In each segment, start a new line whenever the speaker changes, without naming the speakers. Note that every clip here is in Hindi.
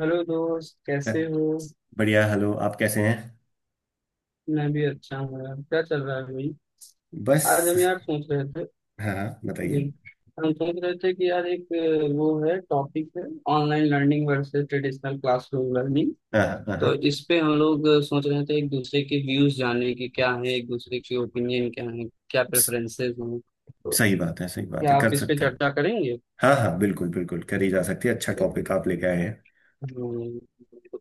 हेलो दोस्त,
अ,
कैसे हो?
बढ़िया। हेलो, आप कैसे हैं।
मैं भी अच्छा हूँ यार। क्या चल रहा है भाई? आज
बस।
हम यार सोच रहे थे।
हाँ हाँ,
जी,
बताइए।
हम सोच रहे थे कि यार एक वो है, टॉपिक है online learning versus traditional classroom learning.
हाँ हाँ हाँ
तो
हाँ।
इस पे हम लोग सोच रहे थे एक दूसरे के व्यूज जानने के, क्या है एक दूसरे के ओपिनियन, क्या है, क्या
स-
प्रेफरेंसेस हैं। तो
सही बात है, सही बात
क्या
है,
आप
कर
इस पे
सकते हैं।
चर्चा करेंगे?
हाँ हाँ, बिल्कुल बिल्कुल करी जा सकती है। अच्छा टॉपिक आप लेके आए हैं।
हम्म।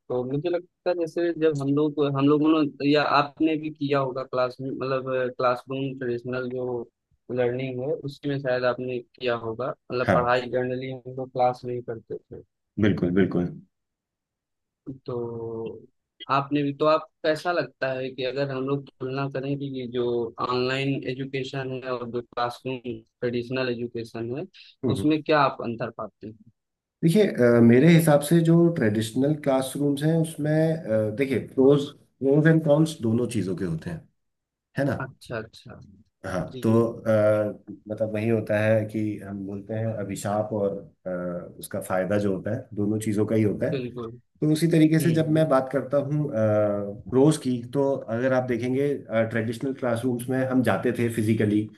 तो मुझे लगता है जैसे जब हम लोग हम लोगों ने या आपने भी किया होगा क्लास में, मतलब क्लासरूम ट्रेडिशनल जो लर्निंग है उसमें शायद आपने किया होगा। मतलब
हाँ
पढ़ाई जनरली हम लोग क्लास में ही करते थे।
बिल्कुल बिल्कुल।
तो आपने भी, तो आप कैसा लगता है कि अगर हम लोग तुलना करें कि ये जो ऑनलाइन एजुकेशन है और जो क्लासरूम ट्रेडिशनल एजुकेशन है,
हम्म हम्म।
उसमें क्या आप अंतर पाते हैं?
देखिए, मेरे हिसाब से जो ट्रेडिशनल क्लासरूम्स हैं उसमें देखिए, प्रोज प्रोज एंड कॉन्स दोनों चीज़ों के होते हैं। है ना।
अच्छा अच्छा।
हाँ
जी
तो
जी।
मतलब वही होता है कि हम बोलते हैं अभिशाप और उसका फायदा जो होता है दोनों चीज़ों का ही होता है।
बिल्कुल।
तो उसी तरीके से जब
हम्म।
मैं बात करता हूँ प्रोज की, तो अगर आप देखेंगे ट्रेडिशनल क्लासरूम्स में हम जाते थे फिजिकली,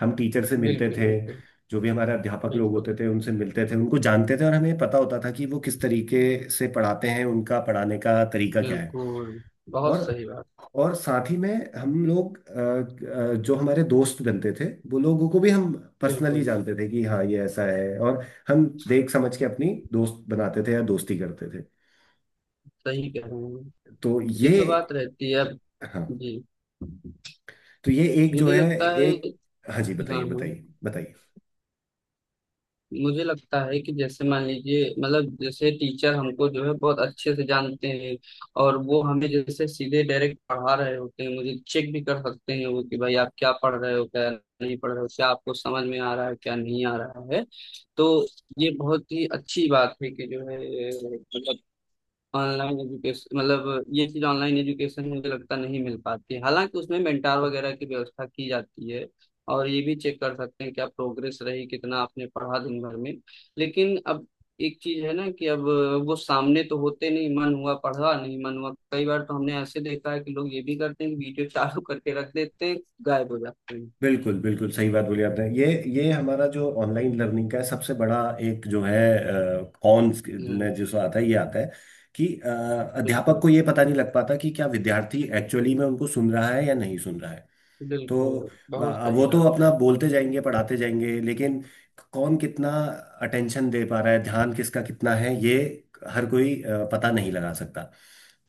हम टीचर से मिलते
बिल्कुल
थे।
बिल्कुल।
जो भी हमारे अध्यापक लोग
बिल्कुल
होते थे उनसे मिलते थे, उनको जानते थे और हमें पता होता था कि वो किस तरीके से पढ़ाते हैं, उनका पढ़ाने का तरीका क्या है।
बिल्कुल। बहुत
और
सही बात।
और साथ ही में हम लोग जो हमारे दोस्त बनते थे वो लोगों को भी हम पर्सनली
बिल्कुल।
जानते थे कि हाँ ये ऐसा है, और हम देख समझ के अपनी दोस्त बनाते थे या दोस्ती करते थे।
सही कह रहे हैं।
तो
ये
ये,
तो बात रहती है अब।
हाँ
जी।
तो ये एक जो
मुझे
है
लगता है।
एक, हाँ जी,
हाँ
बताइए
हाँ।
बताइए बताइए।
मुझे लगता है कि जैसे मान लीजिए, मतलब जैसे टीचर हमको जो है बहुत अच्छे से जानते हैं और वो हमें जैसे सीधे डायरेक्ट पढ़ा रहे होते हैं, मुझे चेक भी कर सकते हैं वो कि भाई आप क्या पढ़ रहे हो, क्या नहीं पढ़ रहे हो, क्या आपको समझ में आ रहा है, क्या नहीं आ रहा है। तो ये बहुत ही अच्छी बात है कि जो है, मतलब ऑनलाइन एजुकेशन, मतलब ये चीज ऑनलाइन एजुकेशन में मुझे लगता नहीं मिल पाती है। हालांकि उसमें मेंटार वगैरह की व्यवस्था की जाती है और ये भी चेक कर सकते हैं क्या प्रोग्रेस रही, कितना आपने पढ़ा दिन भर में। लेकिन अब एक चीज है ना कि अब वो सामने तो होते नहीं, मन हुआ पढ़ा, नहीं मन हुआ, कई बार तो हमने ऐसे देखा है कि लोग ये भी करते हैं कि वीडियो चालू करके रख देते हैं, गायब हो जाते हैं।
बिल्कुल बिल्कुल सही बात बोली आपने। ये हमारा जो ऑनलाइन लर्निंग का सबसे बड़ा एक जो है कॉन
हम्म।
में जो आता है, ये आता है कि अध्यापक
बिल्कुल
को ये पता नहीं लग पाता कि क्या विद्यार्थी एक्चुअली में उनको सुन रहा है या नहीं सुन रहा है। तो
बिल्कुल। बहुत
वो
सही
तो
बात है।
अपना बोलते जाएंगे, पढ़ाते जाएंगे, लेकिन कौन कितना अटेंशन दे पा रहा है, ध्यान किसका कितना है, ये हर कोई पता नहीं लगा सकता।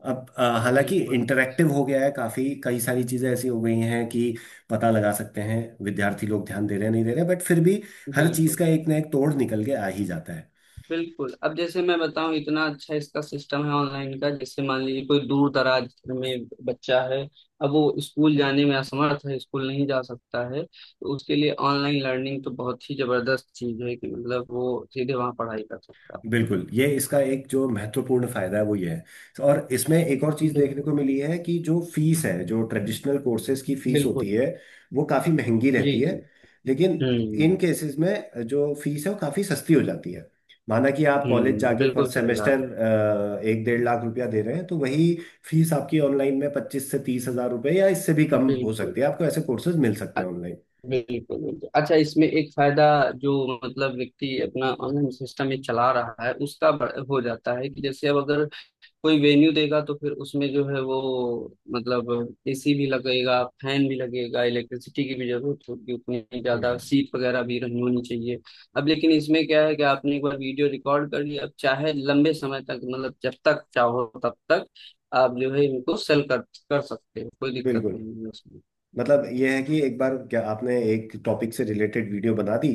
अब हालांकि
बिल्कुल
इंटरैक्टिव हो गया है, काफी कई सारी चीजें ऐसी हो गई हैं कि पता लगा सकते हैं विद्यार्थी लोग ध्यान दे रहे हैं नहीं दे रहे, बट फिर भी हर चीज
बिल्कुल।
का एक ना एक तोड़ निकल के आ ही जाता है।
बिल्कुल अब जैसे मैं बताऊं, इतना अच्छा इसका सिस्टम है ऑनलाइन का। जैसे मान लीजिए कोई दूर दराज में बच्चा है, अब वो स्कूल जाने में असमर्थ है, स्कूल नहीं जा सकता है, तो उसके लिए ऑनलाइन लर्निंग तो बहुत ही जबरदस्त चीज है कि मतलब वो सीधे वहां पढ़ाई कर सकता
बिल्कुल, ये इसका एक जो महत्वपूर्ण फायदा है वो ये है। और इसमें एक और
है।
चीज देखने
बिल्कुल
को मिली है कि जो फीस है, जो ट्रेडिशनल कोर्सेज की फीस होती
बिल्कुल।
है वो काफी महंगी
जी
रहती
जी।
है। लेकिन
हम्म
इन केसेस में जो फीस है वो काफी सस्ती हो जाती है। माना कि आप कॉलेज
हम्म।
जाके पर
बिल्कुल सही
सेमेस्टर
बात है।
एक डेढ़ लाख रुपया दे रहे हैं, तो वही फीस आपकी ऑनलाइन में 25 से 30 हज़ार रुपये या इससे भी कम हो
बिल्कुल।
सकती है, आपको ऐसे कोर्सेज मिल सकते
अ-
हैं ऑनलाइन।
बिल्कुल बिल्कुल। अच्छा, इसमें एक फायदा जो, मतलब व्यक्ति अपना ऑनलाइन सिस्टम में चला रहा है उसका हो जाता है कि जैसे अब अगर कोई वेन्यू देगा तो फिर उसमें जो है वो, मतलब एसी भी लगेगा, फैन भी लगेगा, इलेक्ट्रिसिटी की भी जरूरत होगी, उतनी ज्यादा
हाँ
सीट वगैरह भी रहनी होनी चाहिए। अब लेकिन इसमें क्या है कि आपने एक बार वीडियो रिकॉर्ड कर लिया, अब चाहे लंबे समय तक, मतलब जब तक चाहो तब तक आप जो है इनको सेल कर कर सकते हो, कोई दिक्कत
बिल्कुल।
नहीं है उसमें।
मतलब यह है कि एक बार क्या आपने एक टॉपिक से रिलेटेड वीडियो बना दी,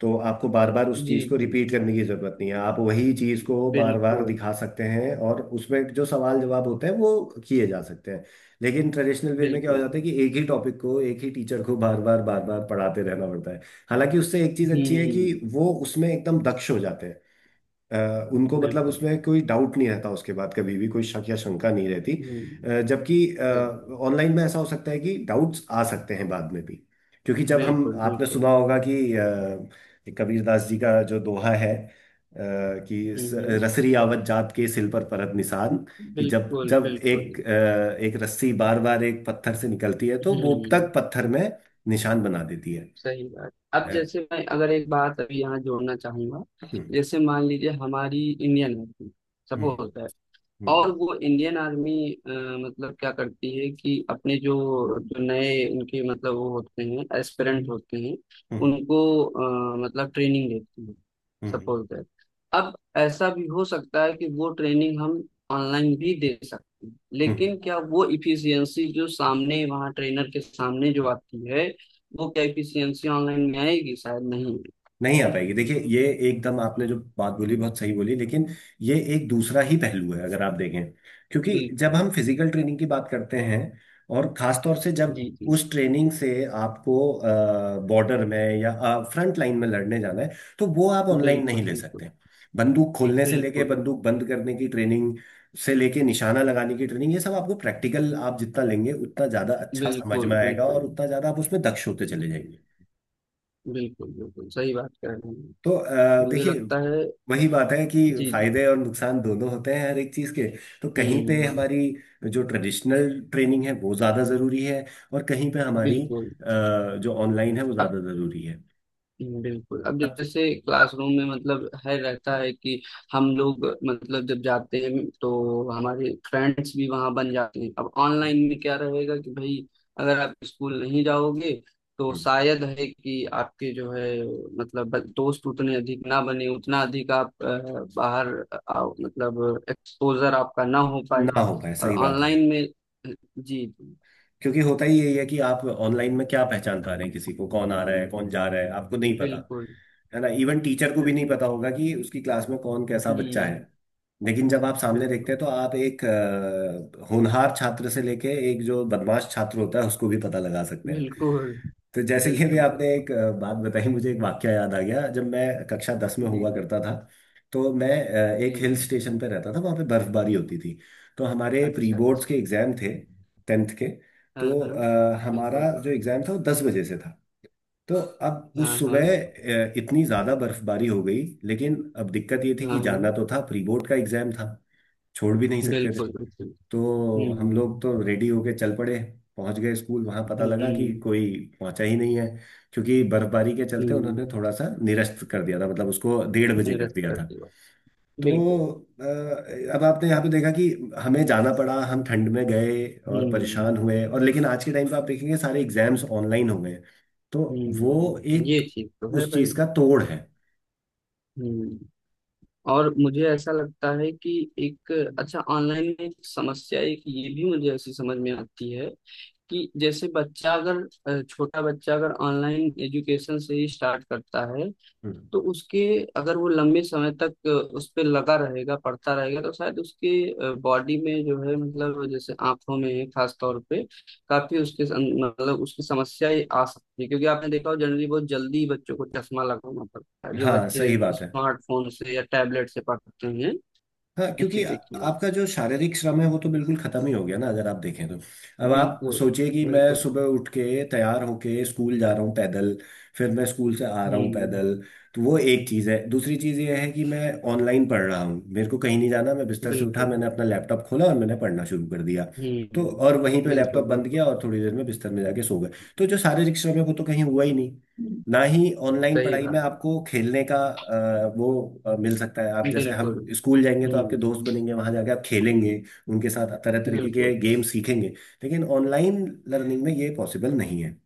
तो आपको बार बार उस
जी
चीज़ को
जी।
रिपीट करने की ज़रूरत नहीं है, आप वही चीज़ को बार बार
बिल्कुल
दिखा सकते हैं और उसमें जो सवाल जवाब होते हैं वो किए जा सकते हैं। लेकिन ट्रेडिशनल वे में क्या हो
बिल्कुल।
जाता है कि
बिल्कुल।
एक ही टॉपिक को एक ही टीचर को बार बार बार बार पढ़ाते रहना पड़ता है। हालांकि उससे एक चीज़ अच्छी है कि
हम्म।
वो उसमें एकदम दक्ष हो जाते हैं। उनको मतलब
बिल्कुल।
उसमें कोई डाउट नहीं रहता, उसके बाद कभी भी कोई शक या शंका नहीं रहती।
हम्म।
जबकि
बिल्कुल
ऑनलाइन में ऐसा हो सकता है कि डाउट्स आ सकते हैं बाद में भी। क्योंकि जब हम
बिल्कुल।
आपने
बिल्कुल।
सुना होगा कि कबीरदास जी का जो दोहा है, कि
हम्म हम्म।
रसरी आवत जात के सिल पर परत निशान। कि जब
बिल्कुल
जब
बिल्कुल।
एक रस्सी बार बार एक पत्थर से निकलती है तो वो
हम्म।
तक पत्थर में निशान बना देती है।
सही बात। अब जैसे
अ,
मैं अगर एक बात अभी यहाँ जोड़ना चाहूंगा,
हम्म
जैसे मान लीजिए हमारी इंडियन आर्मी,
हम्म।
सपोज,
हम्म
और वो इंडियन आर्मी मतलब क्या करती है कि अपने जो, जो नए उनके, मतलब वो होते हैं एस्पिरेंट होते हैं,
हम्म।
उनको मतलब ट्रेनिंग देती है।
हम्म हम्म
सपोज दैट, अब ऐसा भी हो सकता है कि वो ट्रेनिंग हम ऑनलाइन भी दे सकते हैं,
हम्म।
लेकिन क्या वो इफिशियंसी जो सामने, वहाँ ट्रेनर के सामने जो आती है, वो क्या इफिशियंसी ऑनलाइन में आएगी? शायद नहीं।
नहीं आ पाएगी। देखिए, ये एकदम आपने जो बात बोली बहुत सही बोली, लेकिन ये एक दूसरा ही पहलू है अगर आप देखें। क्योंकि जब
बिल्कुल।
हम फिजिकल ट्रेनिंग की बात करते हैं, और खास तौर से जब
जी जी।
उस ट्रेनिंग से आपको बॉर्डर में या फ्रंट लाइन में लड़ने जाना है, तो वो आप ऑनलाइन नहीं
बिल्कुल
ले
बिल्कुल।
सकते। बंदूक खोलने से लेके
बिल्कुल
बंदूक बंद करने की ट्रेनिंग से लेके निशाना लगाने की ट्रेनिंग, ये सब आपको प्रैक्टिकल आप जितना लेंगे उतना ज्यादा अच्छा समझ
बिल्कुल।
में आएगा
बिल्कुल
और उतना ज्यादा आप उसमें दक्ष होते चले जाएंगे।
बिल्कुल। बिल्कुल सही बात कह रहे हैं।
तो
मुझे
देखिए,
लगता है।
वही बात है कि
जी जी।
फायदे और नुकसान दोनों होते हैं हर एक चीज के। तो कहीं पे
हम्म।
हमारी जो ट्रेडिशनल ट्रेनिंग है वो ज्यादा जरूरी है, और कहीं पे हमारी
बिल्कुल
जो ऑनलाइन है वो
अब।
ज्यादा जरूरी है।
बिल्कुल। अब
अब
जैसे क्लासरूम में, मतलब है, रहता है कि हम लोग मतलब जब जाते हैं तो हमारे फ्रेंड्स भी वहां बन जाते हैं। अब ऑनलाइन में क्या रहेगा कि भाई अगर आप स्कूल नहीं जाओगे तो
हम्म,
शायद है कि आपके जो है, मतलब दोस्त उतने अधिक ना बने, उतना अधिक आप बाहर आओ, मतलब एक्सपोजर आपका ना हो पाए।
ना हो पाए,
और
सही बात है।
ऑनलाइन में, जी जी,
क्योंकि होता ही यही है कि आप ऑनलाइन में क्या पहचान पा रहे हैं किसी को, कौन आ रहा है, कौन जा रहा है, आपको नहीं पता।
बिल्कुल
है ना। इवन टीचर को भी नहीं
बिल्कुल।
पता होगा कि उसकी क्लास में कौन कैसा बच्चा है।
हम्म।
लेकिन जब आप सामने देखते
बिल्कुल
हैं तो आप एक होनहार छात्र से लेके एक जो बदमाश छात्र होता है उसको भी पता लगा सकते हैं।
बिल्कुल।
तो जैसे कि अभी
बिल्कुल।
आपने
बिल्कुल।
एक बात बताई, मुझे एक वाक्य याद आ गया जब मैं कक्षा 10 में
जी
हुआ
जी।
करता था। तो मैं एक
जी
हिल
जी।
स्टेशन पे रहता था, वहाँ पे बर्फबारी होती थी। तो हमारे प्री
अच्छा
बोर्ड्स के
अच्छा।
एग्जाम थे, टेंथ के।
हाँ
तो
हाँ।
हमारा
बिल्कुल।
जो एग्ज़ाम था वो 10 बजे से था। तो अब उस
हाँ
सुबह
हाँ।
इतनी ज़्यादा बर्फबारी हो गई। लेकिन अब दिक्कत ये थी
हाँ
कि
हाँ।
जाना तो था, प्री बोर्ड का एग्ज़ाम था, छोड़ भी नहीं सकते थे।
बिल्कुल बिल्कुल।
तो हम लोग
हुँ,
तो रेडी होके चल पड़े, पहुंच गए स्कूल, वहां पता लगा कि
हुँ,
कोई पहुंचा ही नहीं है। क्योंकि बर्फबारी के चलते उन्होंने
हुँ।
थोड़ा सा निरस्त कर दिया था, मतलब उसको 1:30 बजे कर दिया
रिस्पेक्ट
था।
की बात।
तो
बिल्कुल।
अ, अब आपने यहाँ पे देखा कि हमें जाना पड़ा, हम ठंड में गए और परेशान
हुँ,
हुए, और लेकिन आज के टाइम पे आप देखेंगे सारे एग्जाम्स ऑनलाइन हो गए। तो वो
हुँ।
एक
ये चीज़ तो है
उस
भाई।
चीज का तोड़ है।
हुँ। और मुझे ऐसा लगता है कि एक, अच्छा ऑनलाइन में एक समस्या, एक ये भी मुझे ऐसी समझ में आती है कि जैसे बच्चा अगर, छोटा बच्चा अगर ऑनलाइन एजुकेशन से ही स्टार्ट करता है,
हम्म।
तो उसके, अगर वो लंबे समय तक उस पे लगा रहेगा, पड़ता रहेगा, तो शायद उसके बॉडी में जो है मतलब जैसे आंखों में, खास तौर पे काफी उसके मतलब उसकी समस्या ये आ सकती है। क्योंकि आपने देखा हो, जनरली बहुत जल्दी बच्चों को चश्मा लगाना पड़ता है जो
हाँ
बच्चे
सही बात है।
स्मार्टफोन से या टैबलेट से पढ़ते हैं।
हाँ,
ये
क्योंकि
चीज देखी हो।
आपका जो शारीरिक श्रम है वो तो बिल्कुल खत्म ही हो गया ना, अगर आप देखें तो। अब आप
बिल्कुल
सोचिए कि मैं
बिल्कुल।
सुबह उठ के तैयार होके स्कूल जा रहा हूँ पैदल, फिर मैं स्कूल से आ रहा हूँ
हम्म।
पैदल। तो वो एक चीज़ है। दूसरी चीज़ ये है कि मैं ऑनलाइन पढ़ रहा हूँ, मेरे को कहीं नहीं जाना, मैं बिस्तर से उठा,
बिल्कुल।
मैंने अपना लैपटॉप खोला और मैंने पढ़ना शुरू कर दिया। तो
हम्म।
और वहीं पे लैपटॉप
बिल्कुल
बंद
बिल्कुल।
किया और थोड़ी देर में बिस्तर में जाके सो गए। तो जो शारीरिक श्रम है वो तो कहीं हुआ ही नहीं। ना ही ऑनलाइन
सही
पढ़ाई में
बात।
आपको खेलने का वो मिल सकता है, आप जैसे हम
बिल्कुल।
स्कूल जाएंगे तो आपके
हम्म।
दोस्त बनेंगे, वहां जाके आप खेलेंगे, उनके साथ तरह तरीके
बिल्कुल।
के गेम सीखेंगे। लेकिन ऑनलाइन लर्निंग में ये पॉसिबल नहीं है।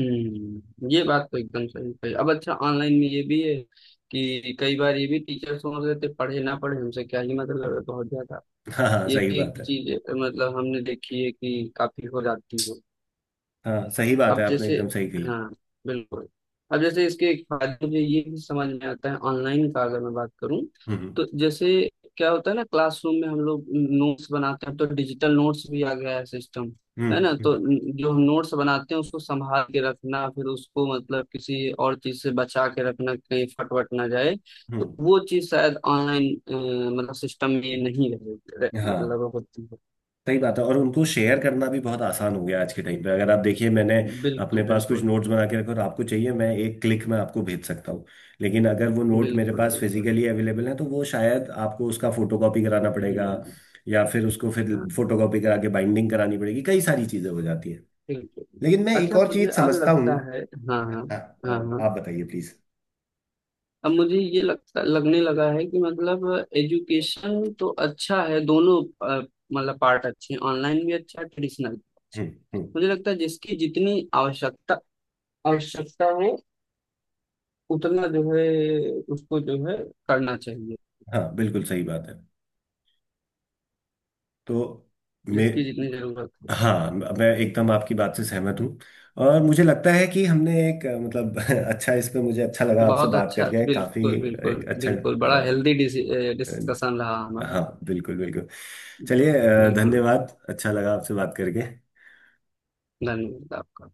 हम्म। ये बात तो एकदम सही कही। अब अच्छा, ऑनलाइन में ये भी है कि कई बार ये भी टीचर सोच रहे थे पढ़े ना पढ़े, हमसे क्या ही मतलब है बहुत ज्यादा।
हाँ हाँ
ये
सही
भी
बात
एक
है।
चीज मतलब हमने देखी है कि काफी हो जाती है।
हाँ, सही बात है,
अब
आपने
जैसे,
एकदम सही कही।
हाँ, बिल्कुल। अब जैसे इसके एक फायदे मुझे ये भी समझ में आता है ऑनलाइन का, अगर मैं बात करूं
हम्म
तो, जैसे क्या होता है ना, क्लासरूम में हम लोग नोट्स बनाते हैं, तो डिजिटल नोट्स भी आ गया है सिस्टम, है ना?
हम्म। हम्म
तो जो हम नोट्स बनाते हैं उसको संभाल के रखना, फिर उसको मतलब किसी और चीज से बचा के रखना, कहीं फट वट ना जाए, तो
हम्म।
वो चीज शायद ऑनलाइन, मतलब सिस्टम में ये नहीं रहे रहे-
हाँ,
मतलब होती है।
सही बात है, और उनको शेयर करना भी बहुत आसान हो गया आज के टाइम पे। अगर आप देखिए, मैंने अपने
बिल्कुल
पास कुछ
बिल्कुल।
नोट्स बना के रखे और आपको चाहिए, मैं एक क्लिक में आपको भेज सकता हूँ। लेकिन अगर वो नोट मेरे
बिल्कुल
पास
बिल्कुल।
फिजिकली अवेलेबल है, तो वो शायद आपको उसका फोटोकॉपी कराना पड़ेगा।
हम्म।
या फिर उसको फिर
हाँ।
फोटोकॉपी करा के बाइंडिंग करानी पड़ेगी, कई सारी चीजें हो जाती है।
ठीक
लेकिन
है।
मैं एक
अच्छा
और
मुझे
चीज
अब
समझता
लगता
हूँ।
है, हाँ हाँ,
हाँ,
हाँ हाँ,
आप बताइए प्लीज।
अब मुझे ये लगता लगने लगा है कि मतलब एजुकेशन तो अच्छा है दोनों, अ, मतलब पार्ट अच्छे हैं, ऑनलाइन भी अच्छा, ट्रेडिशनल भी अच्छा।
हम्म हम्म।
मुझे लगता है जिसकी जितनी आवश्यकता आवश्यकता हो उतना जो है उसको जो है करना चाहिए,
हाँ बिल्कुल सही बात है। तो मे
जिसकी जितनी जरूरत हो।
हाँ, मैं एकदम आपकी बात से सहमत हूँ। और मुझे लगता है कि हमने एक मतलब अच्छा, इस पे मुझे अच्छा लगा आपसे
बहुत
बात
अच्छा।
करके काफी,
बिल्कुल बिल्कुल
एक अच्छा
बिल्कुल। बड़ा हेल्दी
अ,
डिस्कशन रहा हमारा।
हाँ बिल्कुल बिल्कुल। चलिए,
बिल्कुल।
धन्यवाद, अच्छा लगा आपसे बात करके।
धन्यवाद आपका।